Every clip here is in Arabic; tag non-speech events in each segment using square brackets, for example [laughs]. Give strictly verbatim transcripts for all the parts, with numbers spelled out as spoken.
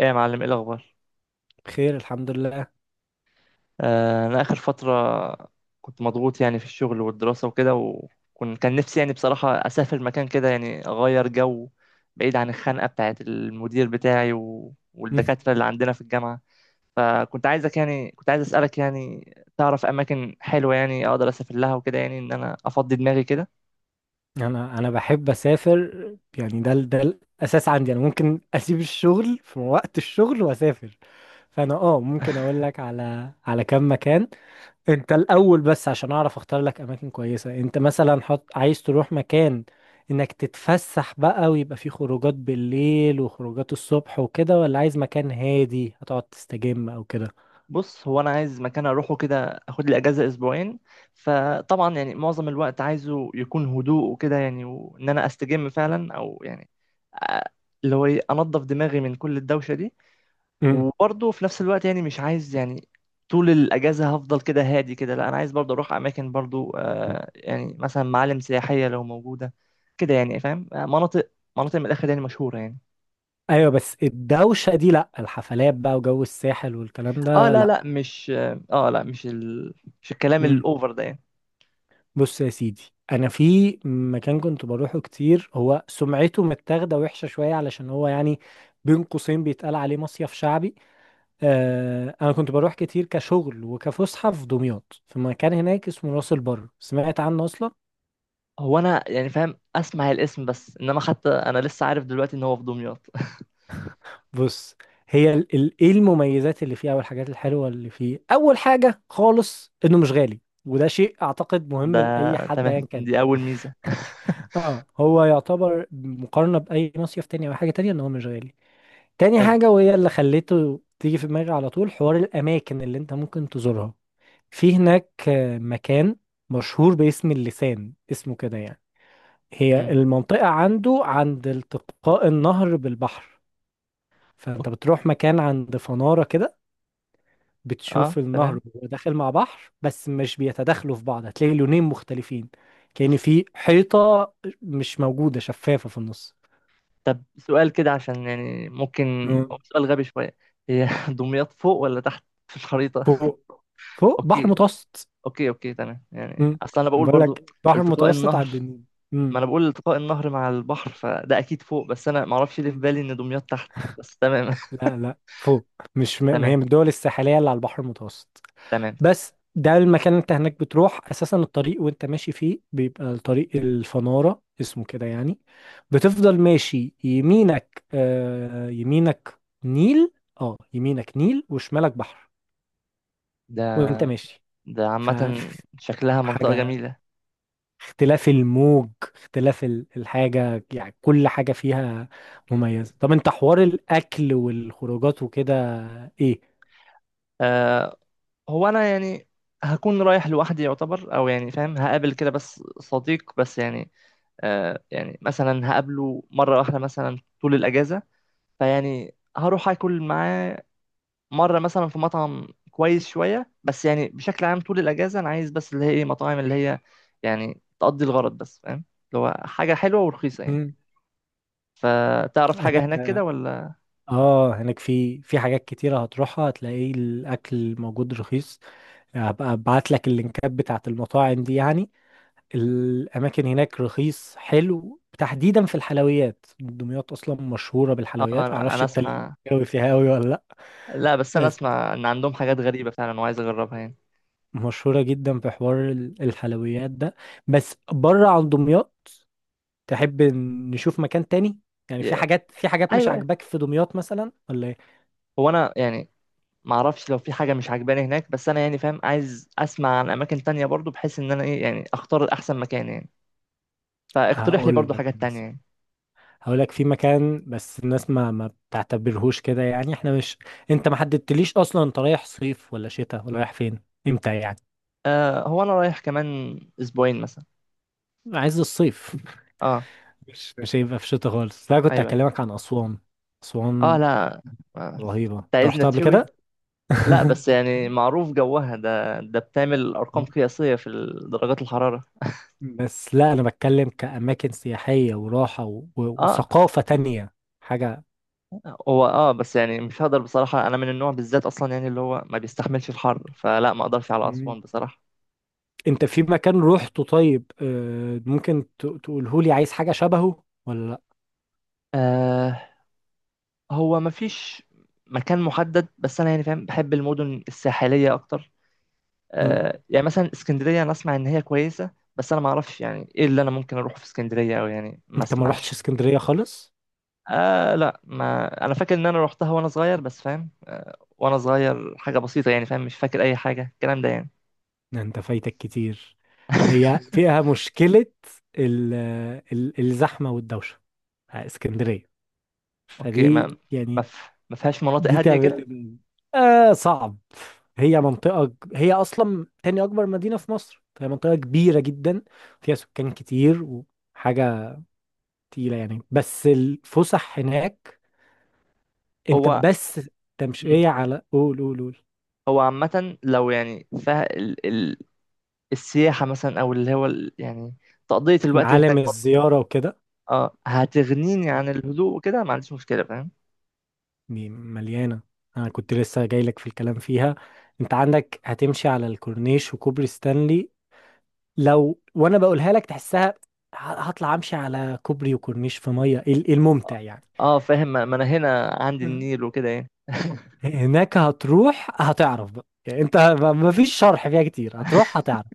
ايه يا معلم، ايه الاخبار؟ بخير، الحمد لله. آه انا اخر فتره كنت مضغوط يعني في الشغل والدراسه وكده. وكنت كان نفسي يعني بصراحه اسافر مكان كده يعني اغير جو، بعيد عن الخنقه بتاعه المدير بتاعي و... مم. والدكاتره اللي عندنا في الجامعه. فكنت عايزك يعني كنت عايز اسالك يعني تعرف اماكن حلوه يعني اقدر اسافر لها وكده، يعني ان انا افضي دماغي كده. انا انا بحب اسافر. يعني ده ال- ده الاساس عندي. انا ممكن اسيب الشغل في وقت الشغل واسافر. فانا اه ممكن اقول لك على على كام مكان. انت الاول بس عشان اعرف اختار لك اماكن كويسه. انت مثلا حط عايز تروح مكان انك تتفسح بقى ويبقى فيه خروجات بالليل وخروجات الصبح وكده، ولا عايز مكان هادي هتقعد تستجم او كده؟ بص، هو انا عايز مكان اروحه كده، اخد لي اجازه اسبوعين. فطبعا يعني معظم الوقت عايزه يكون هدوء وكده يعني، وان انا استجم فعلا او يعني آه، اللي هو ايه انضف دماغي من كل الدوشه دي. مم. وبرضه في نفس الوقت يعني مش عايز يعني طول الاجازه هفضل كده هادي كده. لا، انا عايز برضه اروح اماكن برضه، آه، يعني مثلا معالم سياحيه لو موجوده كده، يعني فاهم، آه، مناطق مناطق من الاخر يعني مشهوره يعني. ايوه، بس الدوشه دي لا، الحفلات بقى وجو الساحل والكلام اه ده لا لا. لا، مش، اه آه، لا مش ال... مش الكلام مم. الاوفر ده يعني. بص يا سيدي، انا في مكان كنت بروحه كتير. هو سمعته متاخده وحشه شويه علشان هو يعني بين قوسين بيتقال عليه مصيف شعبي. آه، انا كنت بروح كتير كشغل وكفسحه في دمياط، في مكان هناك اسمه راس البر. سمعت عنه اصلا؟ هو انا يعني فاهم، اسمع الاسم، بس انما حتى انا لسه عارف دلوقتي ان هو في دمياط. [laughs] بص، هي ال- ال- ايه المميزات اللي فيه او الحاجات الحلوه اللي فيه؟ اول حاجه خالص انه مش غالي، وده شيء اعتقد ده مهم لاي حد ايا تمام، كان. دي اول ميزه. [laughs] اه، هو يعتبر مقارنه باي مصيف تاني او حاجه تانية، ان هو مش غالي. تاني حلو. حاجة، وهي اللي خليته تيجي في دماغي على طول، حوار الأماكن اللي أنت ممكن تزورها في هناك. آه، مكان مشهور باسم اللسان، اسمه كده يعني. هي مم. المنطقة عنده عند التقاء النهر بالبحر. أوف. فأنت بتروح مكان عند فنارة كده، اه، بتشوف النهر تمام. وهو داخل مع بحر، بس مش بيتداخلوا في بعض. هتلاقي لونين مختلفين، كأن أوف. في حيطة مش موجودة شفافة في النص. طب، سؤال كده عشان يعني ممكن، هو مم. سؤال غبي شويه. هي [laughs] دمياط فوق ولا تحت في الخريطه؟ فوق. فوق بحر اوكي، متوسط. اوكي، اوكي، تمام. يعني مم. اصل انا بقول بقول برضو. لك بحر التقاء متوسط على النهر الدنيا. ما مم. انا بقول التقاء النهر مع البحر، فده اكيد فوق. بس انا ما اعرفش ليه في مم. بالي ان دمياط تحت، بس تمام. لا لا، فوق. مش م... [laughs] هي تمام، من الدول الساحلية اللي على البحر المتوسط. تمام. بس ده المكان، انت هناك بتروح اساسا الطريق وانت ماشي فيه بيبقى الطريق الفنارة، اسمه كده يعني. بتفضل ماشي يمينك، آه يمينك نيل. اه يمينك نيل وشمالك بحر ده وانت ماشي. ده عامة شكلها منطقة فحاجة جميلة. اختلاف الموج، اختلاف ال- الحاجة، يعني كل حاجة فيها مميزة. طب انت حوار الأكل والخروجات وكده ايه؟ أه، هو أنا يعني هكون رايح لوحدي يعتبر، أو يعني فاهم هقابل كده بس صديق، بس يعني أه يعني مثلا هقابله مرة واحدة مثلا طول الأجازة. فيعني هروح أكل معاه مرة مثلا في مطعم كويس شوية. بس يعني بشكل عام طول الأجازة أنا عايز بس اللي هي إيه، مطاعم اللي هي يعني تقضي الغرض بس، فاهم، اللي هو حاجة حلوة ورخيصة يعني. مم. فتعرف حاجة هناك؟ هناك كده ولا؟ اه هناك في في حاجات كتيرة هتروحها. هتلاقي الأكل موجود رخيص. هبقى ابعت لك اللينكات بتاعت المطاعم دي يعني، الأماكن هناك رخيص حلو، تحديدا في الحلويات. دمياط أصلا مشهورة آه، بالحلويات. أنا أعرفش أنا انت أسمع، الجو فيها أوي ولا؟ لأ، لا بس انا اسمع ان عندهم حاجات غريبه فعلا، وعايز اجربها يعني. مشهورة جدا في حوار ال- الحلويات ده. بس بره عن دمياط، تحب ن- نشوف مكان تاني؟ يعني في يا- حاجات في حاجات مش ايوه، عاجباك في دمياط مثلا ولا ايه؟ هو انا يعني ما اعرفش لو في حاجه مش عجباني هناك، بس انا يعني فاهم عايز اسمع عن اماكن تانية برضو، بحيث ان انا ايه يعني اختار احسن مكان يعني. فاقترح لي هقول برضو لك حاجات تانية مثلا، يعني. هقول لك في مكان، بس الناس ما ما بتعتبرهوش كده يعني. احنا مش، انت ما حددتليش اصلا انت رايح صيف ولا شتاء، ولا رايح فين امتى يعني؟ آه، هو انا رايح كمان اسبوعين مثلا. عايز الصيف. [laughs] اه، مش مش هيبقى في شتاء خالص، لا كنت ايوه، أيوة. هكلمك عن اسوان. اه اسوان لا، آه، رهيبة. انت انت عايزنا رحتها قبل تشوي؟ كده؟ لا [laughs] بس يعني معروف جوها، ده ده بتعمل ارقام قياسيه في درجات الحراره. بس لا، انا بتكلم كأماكن سياحية وراحة و... و... اه، وثقافة تانية، حاجة. هو اه بس يعني مش هقدر بصراحة، انا من النوع بالذات اصلا يعني اللي هو ما بيستحملش الحر، فلا ما اقدرش على مم. اسوان بصراحة. انت في مكان روحته طيب، آه، ممكن تقوله لي عايز حاجة شبهه ولا لا؟ آه، هو ما فيش مكان محدد، بس انا يعني فاهم بحب المدن الساحلية اكتر. مم. آه، يعني مثلا اسكندرية انا اسمع ان هي كويسة، بس انا ما اعرفش يعني ايه اللي انا ممكن اروحه في اسكندرية، او يعني ما انت ما رحتش اسمعش. اسكندرية خالص؟ آه لا، ما انا فاكر ان انا روحتها وانا صغير، بس فاهم وانا صغير حاجة بسيطة يعني، فاهم مش فاكر اي حاجة الكلام ده يعني. ده انت فايتك كتير. هي فيها [laughs] مشكلة، ال... ال... الزحمة والدوشة بتاع اسكندرية. اوكي، فدي ما ما يعني، ف- ما فيهاش مناطق دي هادية تعمل لي كده؟ مين؟ آه صعب. هي منطقة ج- هي أصلا تاني أكبر مدينة في مصر، فهي منطقة كبيرة جدا، فيها سكان كتير وحاجة تقيلة يعني. بس الفسح هناك أنت هو. بس مم. تمشية على قول، قول قول. هو عامة لو يعني فه... ال... ال... السياحة مثلا، أو اللي هو ال... يعني تقضية الوقت المعالم، هناك برضه. الزيارة وكده، اه، هتغنيني عن الهدوء وكده، ما عنديش مشكلة، فاهم. دي مليانة. أنا كنت لسه جايلك في الكلام فيها. أنت عندك هتمشي على الكورنيش وكوبري ستانلي، لو وأنا بقولها لك تحسها، ه- هطلع أمشي على كوبري وكورنيش في مية، إيه إيه الممتع اه، يعني؟ آه، فاهم، ما ما أنا هنا عندي النيل وكده يعني. [laughs] هناك هتروح هتعرف بقى يعني انت. ما فيش شرح فيها كتير، هتروح هتعرف.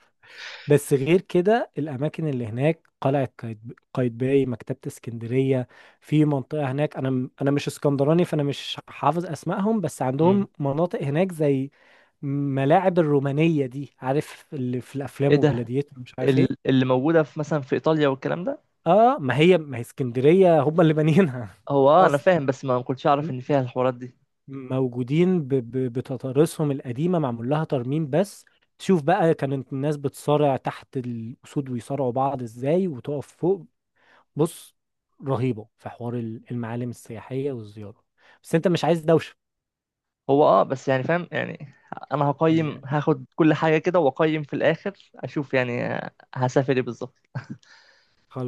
بس غير كده الاماكن اللي هناك، قلعة قايت- قايتباي، مكتبة اسكندرية. في منطقة هناك، انا م- انا مش اسكندراني فانا مش حافظ اسمائهم، بس عندهم مم. مناطق هناك زي ملاعب الرومانية دي، عارف اللي في ايه الافلام ده، وجلاديتور مش عارف ال- ايه. اللي موجودة في مثلا في إيطاليا والكلام ده؟ اه، ما هي ما هي اسكندرية هم اللي بانيينها [laughs] في هو اه أنا الاصل. فاهم، بس ما كنتش أعرف إن فيها الحوارات دي. موجودين ب- ب- بتضاريسهم القديمة، معمول لها ترميم بس، تشوف بقى كانت الناس بتصارع تحت الأسود ويصارعوا بعض ازاي، وتقف فوق. بص، رهيبة في حوار ال- المعالم السياحية والزيارة، بس انت مش عايز دوشة. هو اه بس يعني فاهم يعني، أنا هقيم، هي هاخد كل حاجة كده وأقيم في الآخر أشوف يعني. هسافر ايه بالظبط.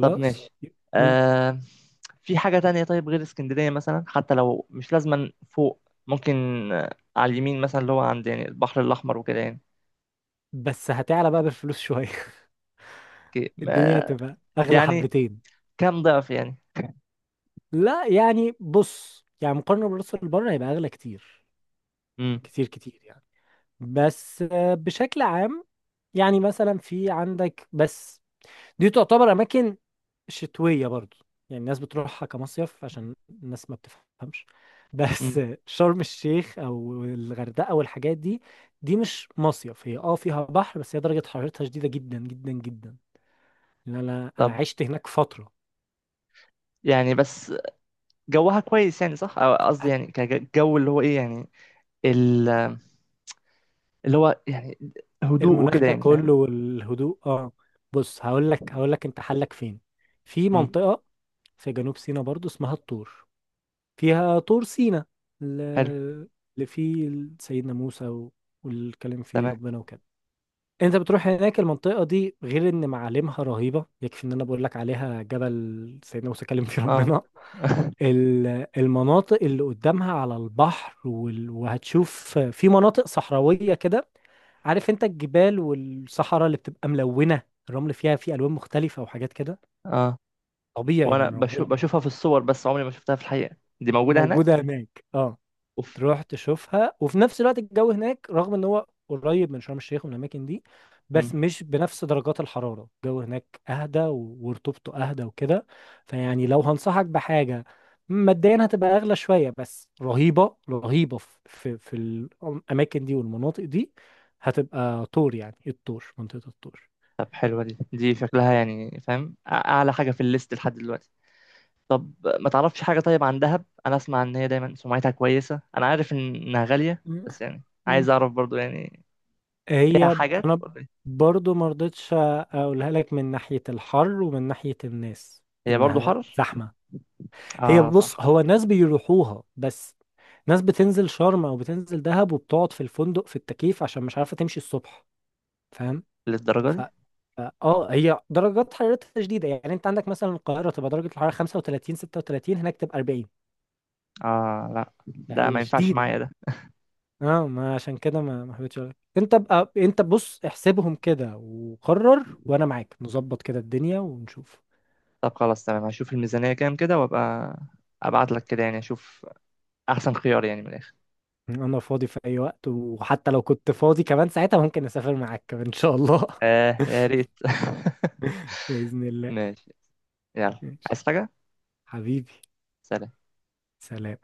طب ماشي. مم. آه، في حاجة تانية طيب غير اسكندرية مثلا، حتى لو مش لازما فوق. ممكن آه، على اليمين مثلا، اللي هو عند يعني البحر الأحمر وكده يعني. بس هتعلى بقى بالفلوس شوية. اوكي، [laughs] الدنيا ما- هتبقى أغلى يعني حبتين. كام ضعف يعني؟ لا يعني، بص يعني، مقارنة بالراس اللي بره هيبقى أغلى كتير، امم كتير كتير يعني. بس آه، بشكل عام يعني، مثلا في عندك بس، دي تعتبر اماكن شتويه برضو. يعني الناس بتروحها كمصيف عشان الناس ما بتفهمش بس. امم [laughs] شرم الشيخ او الغردقه والحاجات دي، دي مش مصيف. هي اه فيها بحر، بس هي درجه حرارتها شديده جدا جدا جدا. لان انا انا طب، عشت هناك فتره، يعني بس جوها كويس يعني صح، أو قصدي يعني كجو اللي هو ايه يعني، ال- اللي هو يعني هدوء المناخ وكده يعني، فاهم. كله والهدوء اه. بص، هقول لك هقول لك انت حلك فين. في امم منطقه في جنوب سيناء برضو اسمها الطور، فيها طور سينا حلو، ال- اللي فيه سيدنا موسى و- والكلام، فيه تمام، ربنا وكده. انت بتروح هناك، المنطقة دي غير ان معالمها رهيبة، يكفي ان انا بقول لك عليها جبل سيدنا موسى كلم فيه اه. ربنا. [laughs] ال- المناطق اللي قدامها على البحر، وال- وهتشوف في مناطق صحراوية كده. عارف انت الجبال والصحراء اللي بتبقى ملونة، الرمل فيها فيه الوان مختلفة وحاجات كده، اه، طبيعي وانا من بشوف ربنا يعني. بشوفها في الصور بس عمري ما شفتها في الحقيقة. دي موجودة موجودة هناك؟ هناك اه. اوف. تروح تشوفها، وفي نفس الوقت الجو هناك رغم ان هو قريب من شرم الشيخ ومن الاماكن دي، بس مش بنفس درجات الحراره. الجو هناك اهدى و- ورطوبته اهدى وكده. فيعني لو هنصحك بحاجه، مبدئيا هتبقى اغلى شويه، بس رهيبه رهيبه في في, في الاماكن دي والمناطق دي، هتبقى طور يعني، الطور، منطقه الطور. طب، حلوة دي دي شكلها يعني فاهم أع- أعلى حاجة في الليست لحد دلوقتي. طب ما تعرفش حاجة طيب عن دهب؟ أنا أسمع إن هي دايما سمعتها كويسة، أنا عارف إن- إنها غالية، مم. بس يعني مم. عايز أعرف برضو يعني. فيها هي حاجات انا ولا إيه؟ برضو ما رضيتش اقولها لك من ناحية الحر ومن ناحية الناس، هي برضو انها حر؟ زحمة. هي آه بص، صح. هو ناس بيروحوها بس، ناس بتنزل شرم او بتنزل دهب وبتقعد في الفندق في التكييف عشان مش عارفه تمشي الصبح، فاهم؟ للدرجة ف دي؟ ف- اه هي درجات حرارتها شديده، يعني انت عندك مثلا القاهره تبقى درجه الحراره خمسة وتلاتين ستة وتلاتين، هناك تبقى اربعين، آه لا، ده ما فهي ينفعش شديده. معايا ده. اه، ما عشان كده ما ما حبيتش أقولك. انت بقى انت بص احسبهم كده وقرر، وانا معاك نظبط كده الدنيا ونشوف. طب خلاص، تمام. هشوف الميزانية كام كده، وأبقى أبعت لك كده يعني، أشوف أحسن خيار يعني من الآخر. انا فاضي في اي وقت، وحتى لو كنت فاضي كمان ساعتها ممكن اسافر معاك كمان ان شاء الله. آه يا [laughs] ريت. [laughs] بإذن الله. ماشي، يلا. ماشي عايز حاجة؟ حبيبي، سلام. سلام.